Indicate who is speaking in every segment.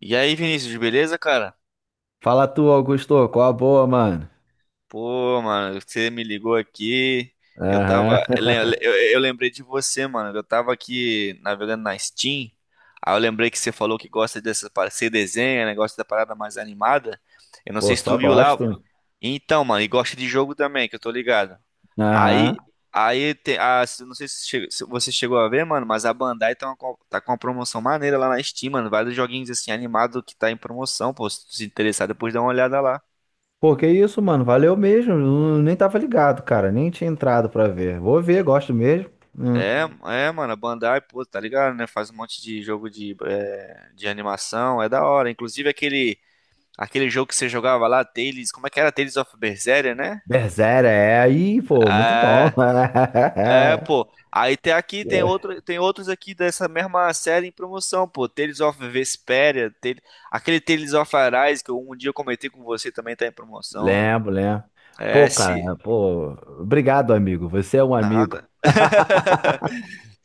Speaker 1: E aí, Vinícius, beleza, cara?
Speaker 2: Fala tu, Augusto, qual a boa, mano?
Speaker 1: Pô, mano, você me ligou aqui. Eu tava.
Speaker 2: Aham.
Speaker 1: Eu, lem- eu- eu lembrei de você, mano. Eu tava aqui navegando na Steam. Aí eu lembrei que você falou que gosta dessa. Você desenha, né? Gosta da parada mais animada. Eu não sei
Speaker 2: Pô,
Speaker 1: se tu
Speaker 2: só
Speaker 1: viu lá.
Speaker 2: gosto.
Speaker 1: Então, mano, e gosta de jogo também, que eu tô ligado.
Speaker 2: Aham.
Speaker 1: Aí. Aí tem. Não sei se você chegou a ver, mano, mas a Bandai tá com uma promoção maneira lá na Steam, mano. Vários joguinhos assim animados que tá em promoção, pô. Se tu se interessar, depois dá uma olhada lá.
Speaker 2: Pô, que isso, mano? Valeu mesmo. Eu nem tava ligado, cara. Nem tinha entrado pra ver. Vou ver, gosto mesmo. Hum.
Speaker 1: É, é, mano, a Bandai, pô, tá ligado, né? Faz um monte de jogo de animação, é da hora. Inclusive aquele jogo que você jogava lá, Tales, como é que era? Tales of Berseria, né?
Speaker 2: Berserker, é aí, pô, muito bom.
Speaker 1: É, é, pô. Aí tem aqui, tem outros aqui dessa mesma série em promoção, pô. Tales of Vesperia, aquele Tales of Arise um dia eu comentei com você também tá em promoção.
Speaker 2: Lembro, lembro.
Speaker 1: É,
Speaker 2: Pô, cara,
Speaker 1: se...
Speaker 2: pô, obrigado, amigo. Você é um amigo.
Speaker 1: Nada.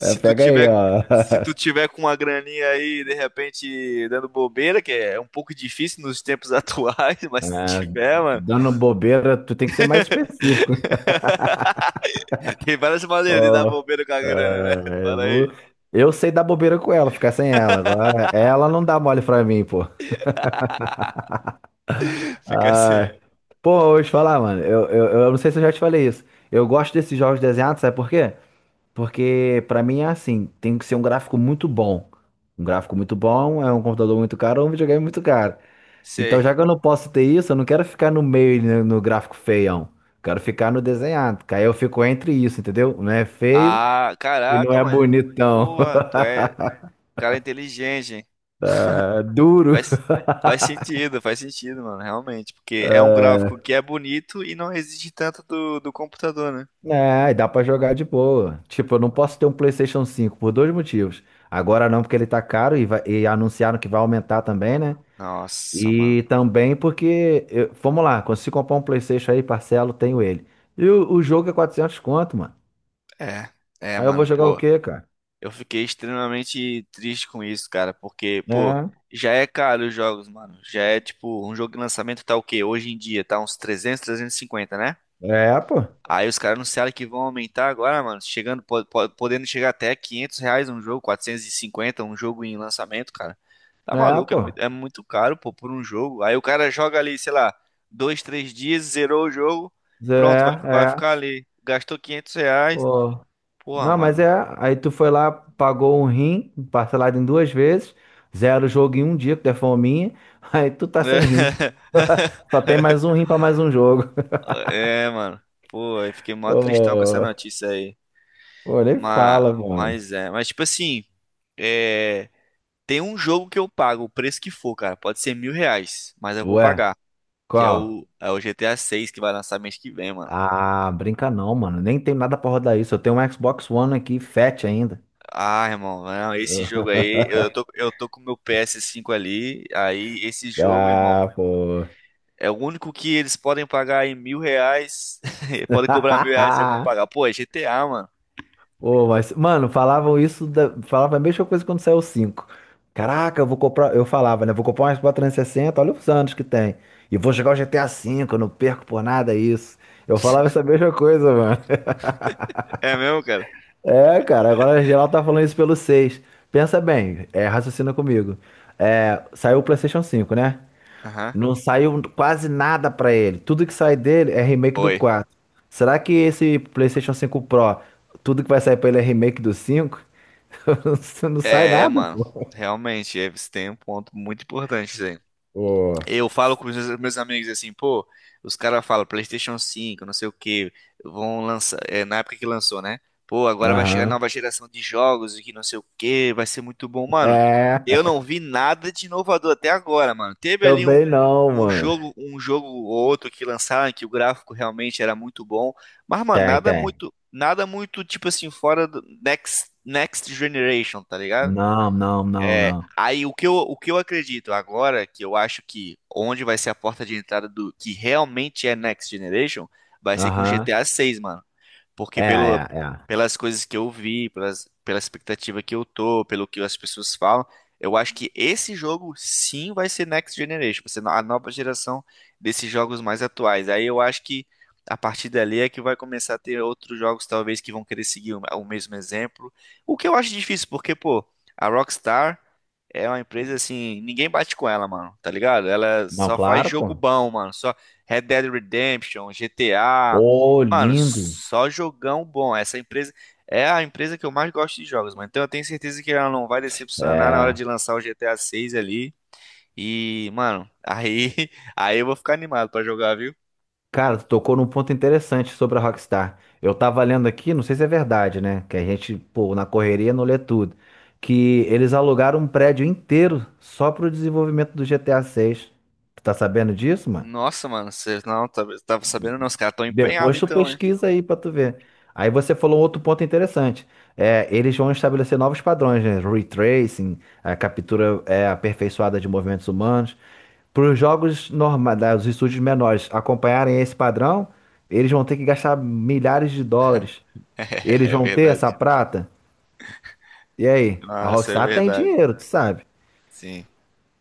Speaker 2: É,
Speaker 1: tu
Speaker 2: pega aí,
Speaker 1: tiver,
Speaker 2: ó.
Speaker 1: se tu tiver com uma graninha aí, de repente, dando bobeira, que é um pouco difícil nos tempos atuais, mas
Speaker 2: É,
Speaker 1: se tu tiver, mano.
Speaker 2: dando bobeira, tu tem que ser mais específico.
Speaker 1: Tem várias maneiras de dar
Speaker 2: Ó,
Speaker 1: bobeira com a grana, né?
Speaker 2: é,
Speaker 1: Fala
Speaker 2: eu
Speaker 1: aí.
Speaker 2: eu sei dar bobeira com ela, ficar sem ela. Agora, ela não dá mole pra mim, pô.
Speaker 1: Fica assim.
Speaker 2: Ah, pô, eu vou te falar, mano. Eu não sei se eu já te falei isso. Eu gosto desses jogos desenhados, sabe por quê? Porque pra mim é assim, tem que ser um gráfico muito bom. Um gráfico muito bom é um computador muito caro ou um videogame muito caro. Então,
Speaker 1: Sei.
Speaker 2: já que eu não posso ter isso, eu não quero ficar no meio, né, no gráfico feião. Quero ficar no desenhado. Que Aí eu fico entre isso, entendeu? Não é feio
Speaker 1: Ah,
Speaker 2: e não
Speaker 1: caraca,
Speaker 2: é
Speaker 1: mano.
Speaker 2: bonitão.
Speaker 1: Porra, tu é cara inteligente, hein?
Speaker 2: É duro.
Speaker 1: Faz, faz sentido, mano, realmente. Porque é um gráfico que é bonito e não exige tanto do computador, né?
Speaker 2: É, e dá pra jogar de boa. Tipo, eu não posso ter um PlayStation cinco por dois motivos. Agora não, porque ele tá caro e, e anunciaram que vai aumentar também, né?
Speaker 1: Nossa, mano.
Speaker 2: E também porque, vamos lá, consigo comprar um PlayStation aí, parcelo, tenho ele. E o jogo é 400 conto, mano.
Speaker 1: É, é,
Speaker 2: Aí eu vou
Speaker 1: mano.
Speaker 2: jogar o
Speaker 1: Pô,
Speaker 2: quê, cara?
Speaker 1: eu fiquei extremamente triste com isso, cara, porque, pô,
Speaker 2: É,
Speaker 1: já é caro os jogos, mano. Já é tipo, um jogo de lançamento tá o quê? Hoje em dia tá uns 300, 350, né?
Speaker 2: é, pô.
Speaker 1: Aí os caras anunciaram que vão aumentar agora, mano, chegando, podendo chegar até R$ 500 um jogo, 450 um jogo em lançamento, cara. Tá
Speaker 2: É,
Speaker 1: maluco,
Speaker 2: pô.
Speaker 1: é muito caro, pô, por um jogo. Aí o cara joga ali, sei lá, dois, três dias, zerou o jogo,
Speaker 2: É,
Speaker 1: pronto, vai
Speaker 2: é.
Speaker 1: ficar ali. Gastou R$ 500.
Speaker 2: Pô.
Speaker 1: Porra,
Speaker 2: Não, mas é.
Speaker 1: mano.
Speaker 2: Aí tu foi lá, pagou um rim, parcelado em duas vezes, zero o jogo em um dia, que tu é fominha. Aí tu tá sem rim. Só tem mais um rim pra mais um jogo.
Speaker 1: É, mano. Pô, eu fiquei mó tristão com essa
Speaker 2: Pô,
Speaker 1: notícia aí.
Speaker 2: pô, nem
Speaker 1: Mas,
Speaker 2: fala, mano.
Speaker 1: mas é. Mas, tipo assim, é, tem um jogo que eu pago, o preço que for, cara. Pode ser R$ 1.000, mas eu vou
Speaker 2: Ué,
Speaker 1: pagar. Que é
Speaker 2: qual?
Speaker 1: o GTA 6 que vai lançar mês que vem, mano.
Speaker 2: Ah, brinca não, mano. Nem tem nada pra rodar isso. Eu tenho um Xbox One aqui, fat ainda.
Speaker 1: Ah, irmão, não, esse jogo aí, eu tô com o meu PS5 ali. Aí, esse jogo, irmão,
Speaker 2: Ah, pô.
Speaker 1: é o único que eles podem pagar em R$ 1.000. Podem cobrar R$ 1.000, eu vou pagar. Pô, é GTA, mano.
Speaker 2: Ô, mas, mano, falavam isso, falava a mesma coisa quando saiu o 5. Caraca, eu vou comprar, eu falava, né? Vou comprar uma Xbox 360, olha os anos que tem. E vou jogar o GTA 5, eu não perco por nada isso. Eu falava essa mesma coisa, mano.
Speaker 1: É mesmo, cara?
Speaker 2: É, cara, agora geral tá falando isso pelo 6. Pensa bem, é, raciocina comigo. É, saiu o PlayStation cinco, né?
Speaker 1: Aham.
Speaker 2: Não saiu quase nada pra ele. Tudo que sai dele é remake do
Speaker 1: Foi.
Speaker 2: 4. Será que esse PlayStation cinco Pro, tudo que vai sair pra ele é remake do 5? Você não sai
Speaker 1: É,
Speaker 2: nada,
Speaker 1: mano,
Speaker 2: pô.
Speaker 1: realmente, você tem um ponto muito importante, Zé.
Speaker 2: Ô,
Speaker 1: Eu falo com os meus amigos assim, pô, os caras falam PlayStation 5, não sei o que, vão lançar, na época que lançou, né? Pô, agora vai chegar a
Speaker 2: aham.
Speaker 1: nova geração de jogos e que não sei o que, vai ser muito bom, mano. Eu
Speaker 2: É,
Speaker 1: não vi nada de inovador até agora, mano. Teve ali
Speaker 2: também
Speaker 1: um,
Speaker 2: não,
Speaker 1: um
Speaker 2: mano.
Speaker 1: jogo, um jogo ou outro que lançaram que o gráfico realmente era muito bom, mas, mano,
Speaker 2: Tem,
Speaker 1: nada
Speaker 2: tem.
Speaker 1: muito, nada muito tipo assim, fora do Next Generation, tá ligado?
Speaker 2: Não, não, não,
Speaker 1: É,
Speaker 2: não.
Speaker 1: aí o que eu acredito agora, que eu acho que onde vai ser a porta de entrada do que realmente é Next Generation, vai ser com
Speaker 2: Aham.
Speaker 1: GTA 6, mano. Porque
Speaker 2: É, é, é.
Speaker 1: pelas coisas que eu vi, pela expectativa que eu tô, pelo que as pessoas falam, eu acho que esse jogo sim vai ser Next Generation, vai ser a nova geração desses jogos mais atuais. Aí eu acho que a partir dali é que vai começar a ter outros jogos, talvez, que vão querer seguir o mesmo exemplo. O que eu acho difícil, porque, pô, a Rockstar é uma empresa assim, ninguém bate com ela, mano, tá ligado? Ela
Speaker 2: Não,
Speaker 1: só faz
Speaker 2: claro,
Speaker 1: jogo
Speaker 2: pô.
Speaker 1: bom, mano. Só Red Dead Redemption, GTA.
Speaker 2: Ô,
Speaker 1: Mano,
Speaker 2: lindo.
Speaker 1: só jogão bom. Essa empresa é a empresa que eu mais gosto de jogos, mano. Então eu tenho certeza que ela não vai decepcionar na hora
Speaker 2: É.
Speaker 1: de lançar o GTA 6 ali. E, mano, aí, aí eu vou ficar animado pra jogar, viu?
Speaker 2: Cara, tu tocou num ponto interessante sobre a Rockstar. Eu tava lendo aqui, não sei se é verdade, né? Que a gente, pô, na correria não lê tudo. Que eles alugaram um prédio inteiro só pro desenvolvimento do GTA 6. Tu tá sabendo disso, mano?
Speaker 1: Nossa, mano, você não tava sabendo não, os caras tão empenhados
Speaker 2: Depois tu
Speaker 1: então, hein?
Speaker 2: pesquisa aí pra tu ver. Aí você falou um outro ponto interessante. É, eles vão estabelecer novos padrões, né? Retracing, a captura é, aperfeiçoada de movimentos humanos. Para os jogos normais, os estúdios menores acompanharem esse padrão, eles vão ter que gastar milhares de dólares. Eles
Speaker 1: É
Speaker 2: vão ter
Speaker 1: verdade.
Speaker 2: essa prata? E aí? A
Speaker 1: Nossa, é
Speaker 2: Rockstar tem
Speaker 1: verdade.
Speaker 2: dinheiro, tu sabe?
Speaker 1: Sim.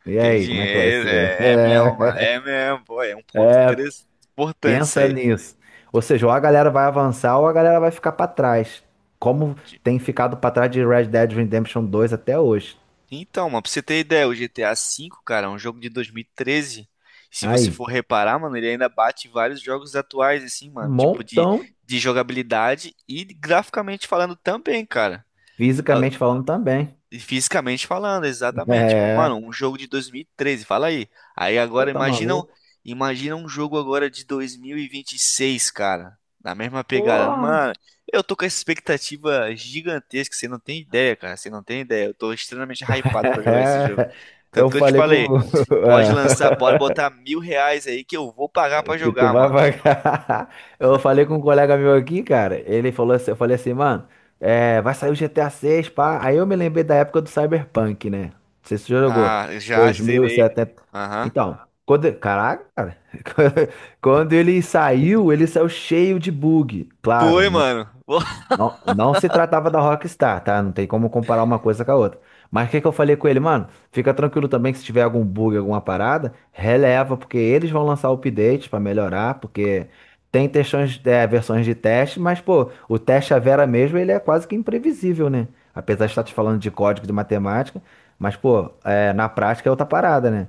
Speaker 2: E
Speaker 1: Tem
Speaker 2: aí, como é que vai
Speaker 1: dinheiro,
Speaker 2: ser?
Speaker 1: é mesmo,
Speaker 2: É.
Speaker 1: mano. É mesmo, pô, é um ponto interessante, importante isso
Speaker 2: Pensa
Speaker 1: aí.
Speaker 2: nisso. Ou seja, ou a galera vai avançar ou a galera vai ficar pra trás. Como
Speaker 1: De-
Speaker 2: tem ficado pra trás de Red Dead Redemption dois até hoje.
Speaker 1: Então, mano, pra você ter ideia, o GTA V, cara, é um jogo de 2013. Se você for
Speaker 2: Aí,
Speaker 1: reparar, mano, ele ainda bate vários jogos atuais, assim, mano.
Speaker 2: um
Speaker 1: Tipo, de,
Speaker 2: montão,
Speaker 1: de jogabilidade e graficamente falando também, cara.
Speaker 2: fisicamente falando também.
Speaker 1: E fisicamente falando, exatamente. Tipo, mano,
Speaker 2: É.
Speaker 1: um jogo de 2013, fala aí. Aí
Speaker 2: Pô,
Speaker 1: agora
Speaker 2: tá
Speaker 1: imagina,
Speaker 2: maluco?
Speaker 1: imagina um jogo agora de 2026, cara. Na mesma pegada.
Speaker 2: Porra!
Speaker 1: Mano, eu tô com essa expectativa gigantesca, você não tem ideia, cara. Você não tem ideia. Eu tô extremamente hypado pra jogar esse jogo.
Speaker 2: É.
Speaker 1: Tanto
Speaker 2: Eu
Speaker 1: que eu te
Speaker 2: falei com.
Speaker 1: falei, pode lançar, pode botar R$ 1.000 aí que eu vou pagar pra
Speaker 2: Que tu
Speaker 1: jogar,
Speaker 2: vai
Speaker 1: mano.
Speaker 2: pagar. Eu falei com um colega meu aqui, cara. Ele falou assim, eu falei assim, mano, é, vai sair o GTA 6, pá. Aí eu me lembrei da época do Cyberpunk, né? Não sei se você já jogou.
Speaker 1: Ah, já zerei.
Speaker 2: 2070.
Speaker 1: Aham.
Speaker 2: Então, quando, caraca, cara. Quando ele saiu cheio de bug. Claro,
Speaker 1: Foi, mano.
Speaker 2: não, não se tratava da Rockstar, tá? Não tem como comparar uma coisa com a outra. Mas o que que eu falei com ele, mano? Fica tranquilo também que se tiver algum bug, alguma parada, releva, porque eles vão lançar o update pra melhorar, porque tem textões, é, versões de teste, mas, pô, o teste a Vera mesmo, ele é quase que imprevisível, né? Apesar de estar te
Speaker 1: Aham.
Speaker 2: falando de código de matemática, mas, pô, é, na prática é outra parada, né?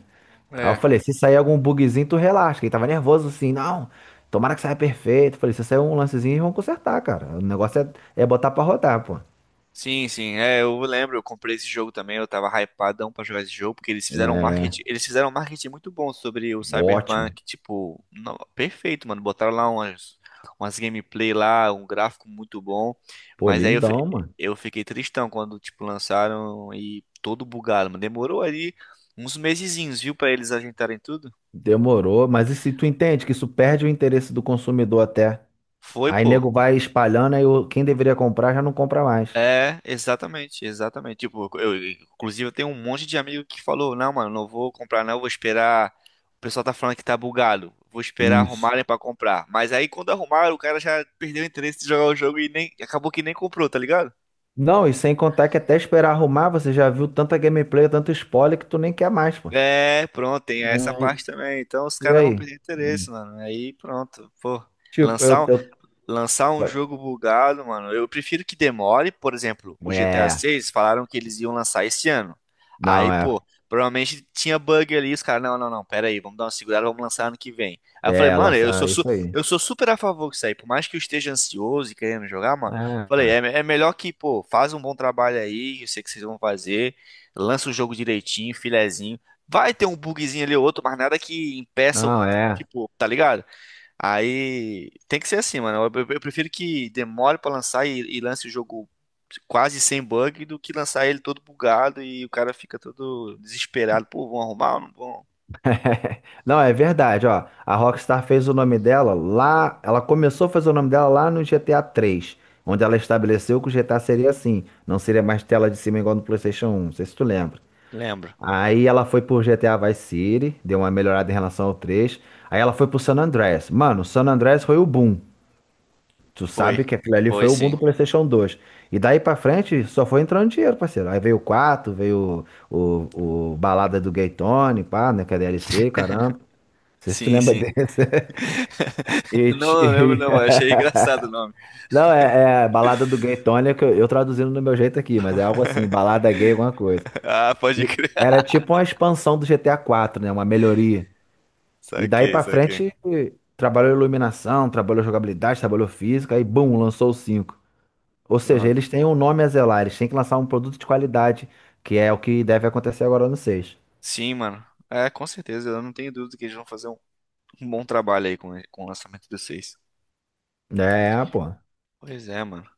Speaker 2: Aí eu
Speaker 1: É,
Speaker 2: falei, se sair algum bugzinho, tu relaxa. Que Ele tava nervoso assim, não, tomara que saia perfeito. Eu falei, se sair um lancezinho, eles vão consertar, cara. O negócio é, é botar pra rodar, pô.
Speaker 1: sim, sim, eu lembro, eu comprei esse jogo também, eu tava hypadão pra jogar esse jogo, porque eles fizeram um
Speaker 2: Né?
Speaker 1: marketing, eles fizeram um marketing muito bom sobre o
Speaker 2: Ótimo.
Speaker 1: Cyberpunk, tipo, perfeito, mano, botaram lá umas gameplay lá, um gráfico muito bom,
Speaker 2: Pô,
Speaker 1: mas aí eu,
Speaker 2: lindão,
Speaker 1: fi-
Speaker 2: mano.
Speaker 1: eu fiquei tristão quando, tipo, lançaram e todo bugado, mano, demorou ali uns mesezinhos, viu, pra eles ajeitarem tudo?
Speaker 2: Demorou, mas e se tu entende que isso perde o interesse do consumidor até?
Speaker 1: Foi,
Speaker 2: Aí
Speaker 1: pô.
Speaker 2: nego vai espalhando, quem deveria comprar já não compra mais.
Speaker 1: É, exatamente, exatamente. Tipo, inclusive eu tenho um monte de amigo que falou, não, mano, não vou comprar não, vou esperar. O pessoal tá falando que tá bugado. Vou esperar
Speaker 2: Isso.
Speaker 1: arrumarem pra comprar. Mas aí quando arrumaram, o cara já perdeu o interesse de jogar o jogo e nem acabou que nem comprou, tá ligado?
Speaker 2: Não, e sem contar que até esperar arrumar, você já viu tanta gameplay, tanto spoiler que tu nem quer mais, pô.
Speaker 1: É, pronto, tem essa
Speaker 2: É,
Speaker 1: parte também. Então os
Speaker 2: e
Speaker 1: caras vão
Speaker 2: aí?
Speaker 1: perder interesse, mano. Aí pronto, pô.
Speaker 2: Tipo,
Speaker 1: Lançar lançar um
Speaker 2: eu-
Speaker 1: jogo bugado, mano, eu prefiro que demore. Por exemplo, o GTA
Speaker 2: é,
Speaker 1: 6 falaram que eles iam lançar esse ano.
Speaker 2: não,
Speaker 1: Aí,
Speaker 2: é,
Speaker 1: pô, provavelmente tinha bug ali, os caras, não, não, não, pera aí, vamos dar uma segurada, vamos lançar ano que vem. Aí eu falei,
Speaker 2: é,
Speaker 1: mano, eu sou,
Speaker 2: lançar
Speaker 1: su-
Speaker 2: isso aí.
Speaker 1: eu sou super a favor disso aí, por mais que eu esteja ansioso e querendo jogar, mano, falei, é,
Speaker 2: É,
Speaker 1: é melhor que, pô, faz um bom trabalho aí, eu sei que vocês vão fazer, lança o jogo direitinho, filezinho, vai ter um bugzinho ali ou outro, mas nada que impeça,
Speaker 2: não, é.
Speaker 1: tipo, tá ligado? Aí tem que ser assim, mano. Eu prefiro que demore pra lançar e lance o jogo quase sem bug do que lançar ele todo bugado e o cara fica todo desesperado. Pô, vão arrumar ou não vão?
Speaker 2: Não, é verdade, ó. A Rockstar fez o nome dela lá, ela começou a fazer o nome dela lá no GTA 3, onde ela estabeleceu que o GTA seria assim, não seria mais tela de cima igual no PlayStation 1, não sei se tu lembra.
Speaker 1: Lembro.
Speaker 2: Aí ela foi pro GTA Vice City, deu uma melhorada em relação ao 3. Aí ela foi pro San Andreas. Mano, San Andreas foi o boom. Tu
Speaker 1: Foi.
Speaker 2: sabe que aquilo ali foi
Speaker 1: Foi
Speaker 2: o boom
Speaker 1: sim.
Speaker 2: do PlayStation 2. E daí pra frente só foi entrando dinheiro, parceiro. Aí veio o quatro, veio o, o Balada do Gay Tony, pá, né? Que é DLC, caramba. Não sei se tu
Speaker 1: Sim,
Speaker 2: lembra
Speaker 1: sim.
Speaker 2: desse. E ti-
Speaker 1: Não, não lembro
Speaker 2: e-
Speaker 1: não, mas achei engraçado o nome.
Speaker 2: Não, é, é Balada do Gay Tony, é que eu traduzindo do meu jeito aqui, mas é algo assim, balada gay, alguma coisa.
Speaker 1: Ah, pode
Speaker 2: E
Speaker 1: crer.
Speaker 2: era tipo uma expansão do GTA 4, né? Uma melhoria. E daí
Speaker 1: Saquei,
Speaker 2: pra
Speaker 1: saquei.
Speaker 2: frente trabalhou iluminação, trabalhou jogabilidade, trabalhou física, aí bum, lançou o cinco. Ou seja,
Speaker 1: Pronto.
Speaker 2: eles têm um nome a zelar, eles têm que lançar um produto de qualidade, que é o que deve acontecer agora no 6.
Speaker 1: Sim, mano. É, com certeza. Eu não tenho dúvida que eles vão fazer um bom trabalho aí com o lançamento do 6.
Speaker 2: É, pô.
Speaker 1: Pois é, mano.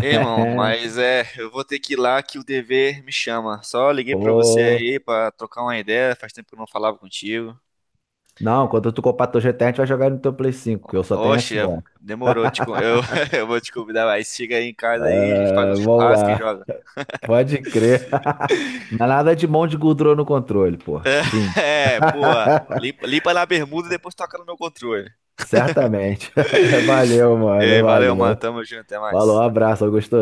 Speaker 1: Ei, irmão, mas é, eu vou ter que ir lá que o dever me chama. Só liguei pra você
Speaker 2: Pô.
Speaker 1: aí pra trocar uma ideia, faz tempo que eu não falava contigo.
Speaker 2: Não, quando tu comprar teu GTA, a gente vai jogar no teu Play 5, que eu só tenho
Speaker 1: Oxe,
Speaker 2: Xbox.
Speaker 1: demorou, eu vou te convidar mais. Chega aí em casa aí, a gente faz um
Speaker 2: É, vamos
Speaker 1: churrasco e
Speaker 2: lá.
Speaker 1: joga.
Speaker 2: Pode crer. Mas nada de mão de gordura no controle, pô. Fim.
Speaker 1: É, pô, limpa, limpa na bermuda e depois toca no meu controle.
Speaker 2: Certamente. Valeu,
Speaker 1: Ei,
Speaker 2: mano.
Speaker 1: valeu, mano,
Speaker 2: Valeu.
Speaker 1: tamo junto, até
Speaker 2: Falou,
Speaker 1: mais.
Speaker 2: abraço, Augusto.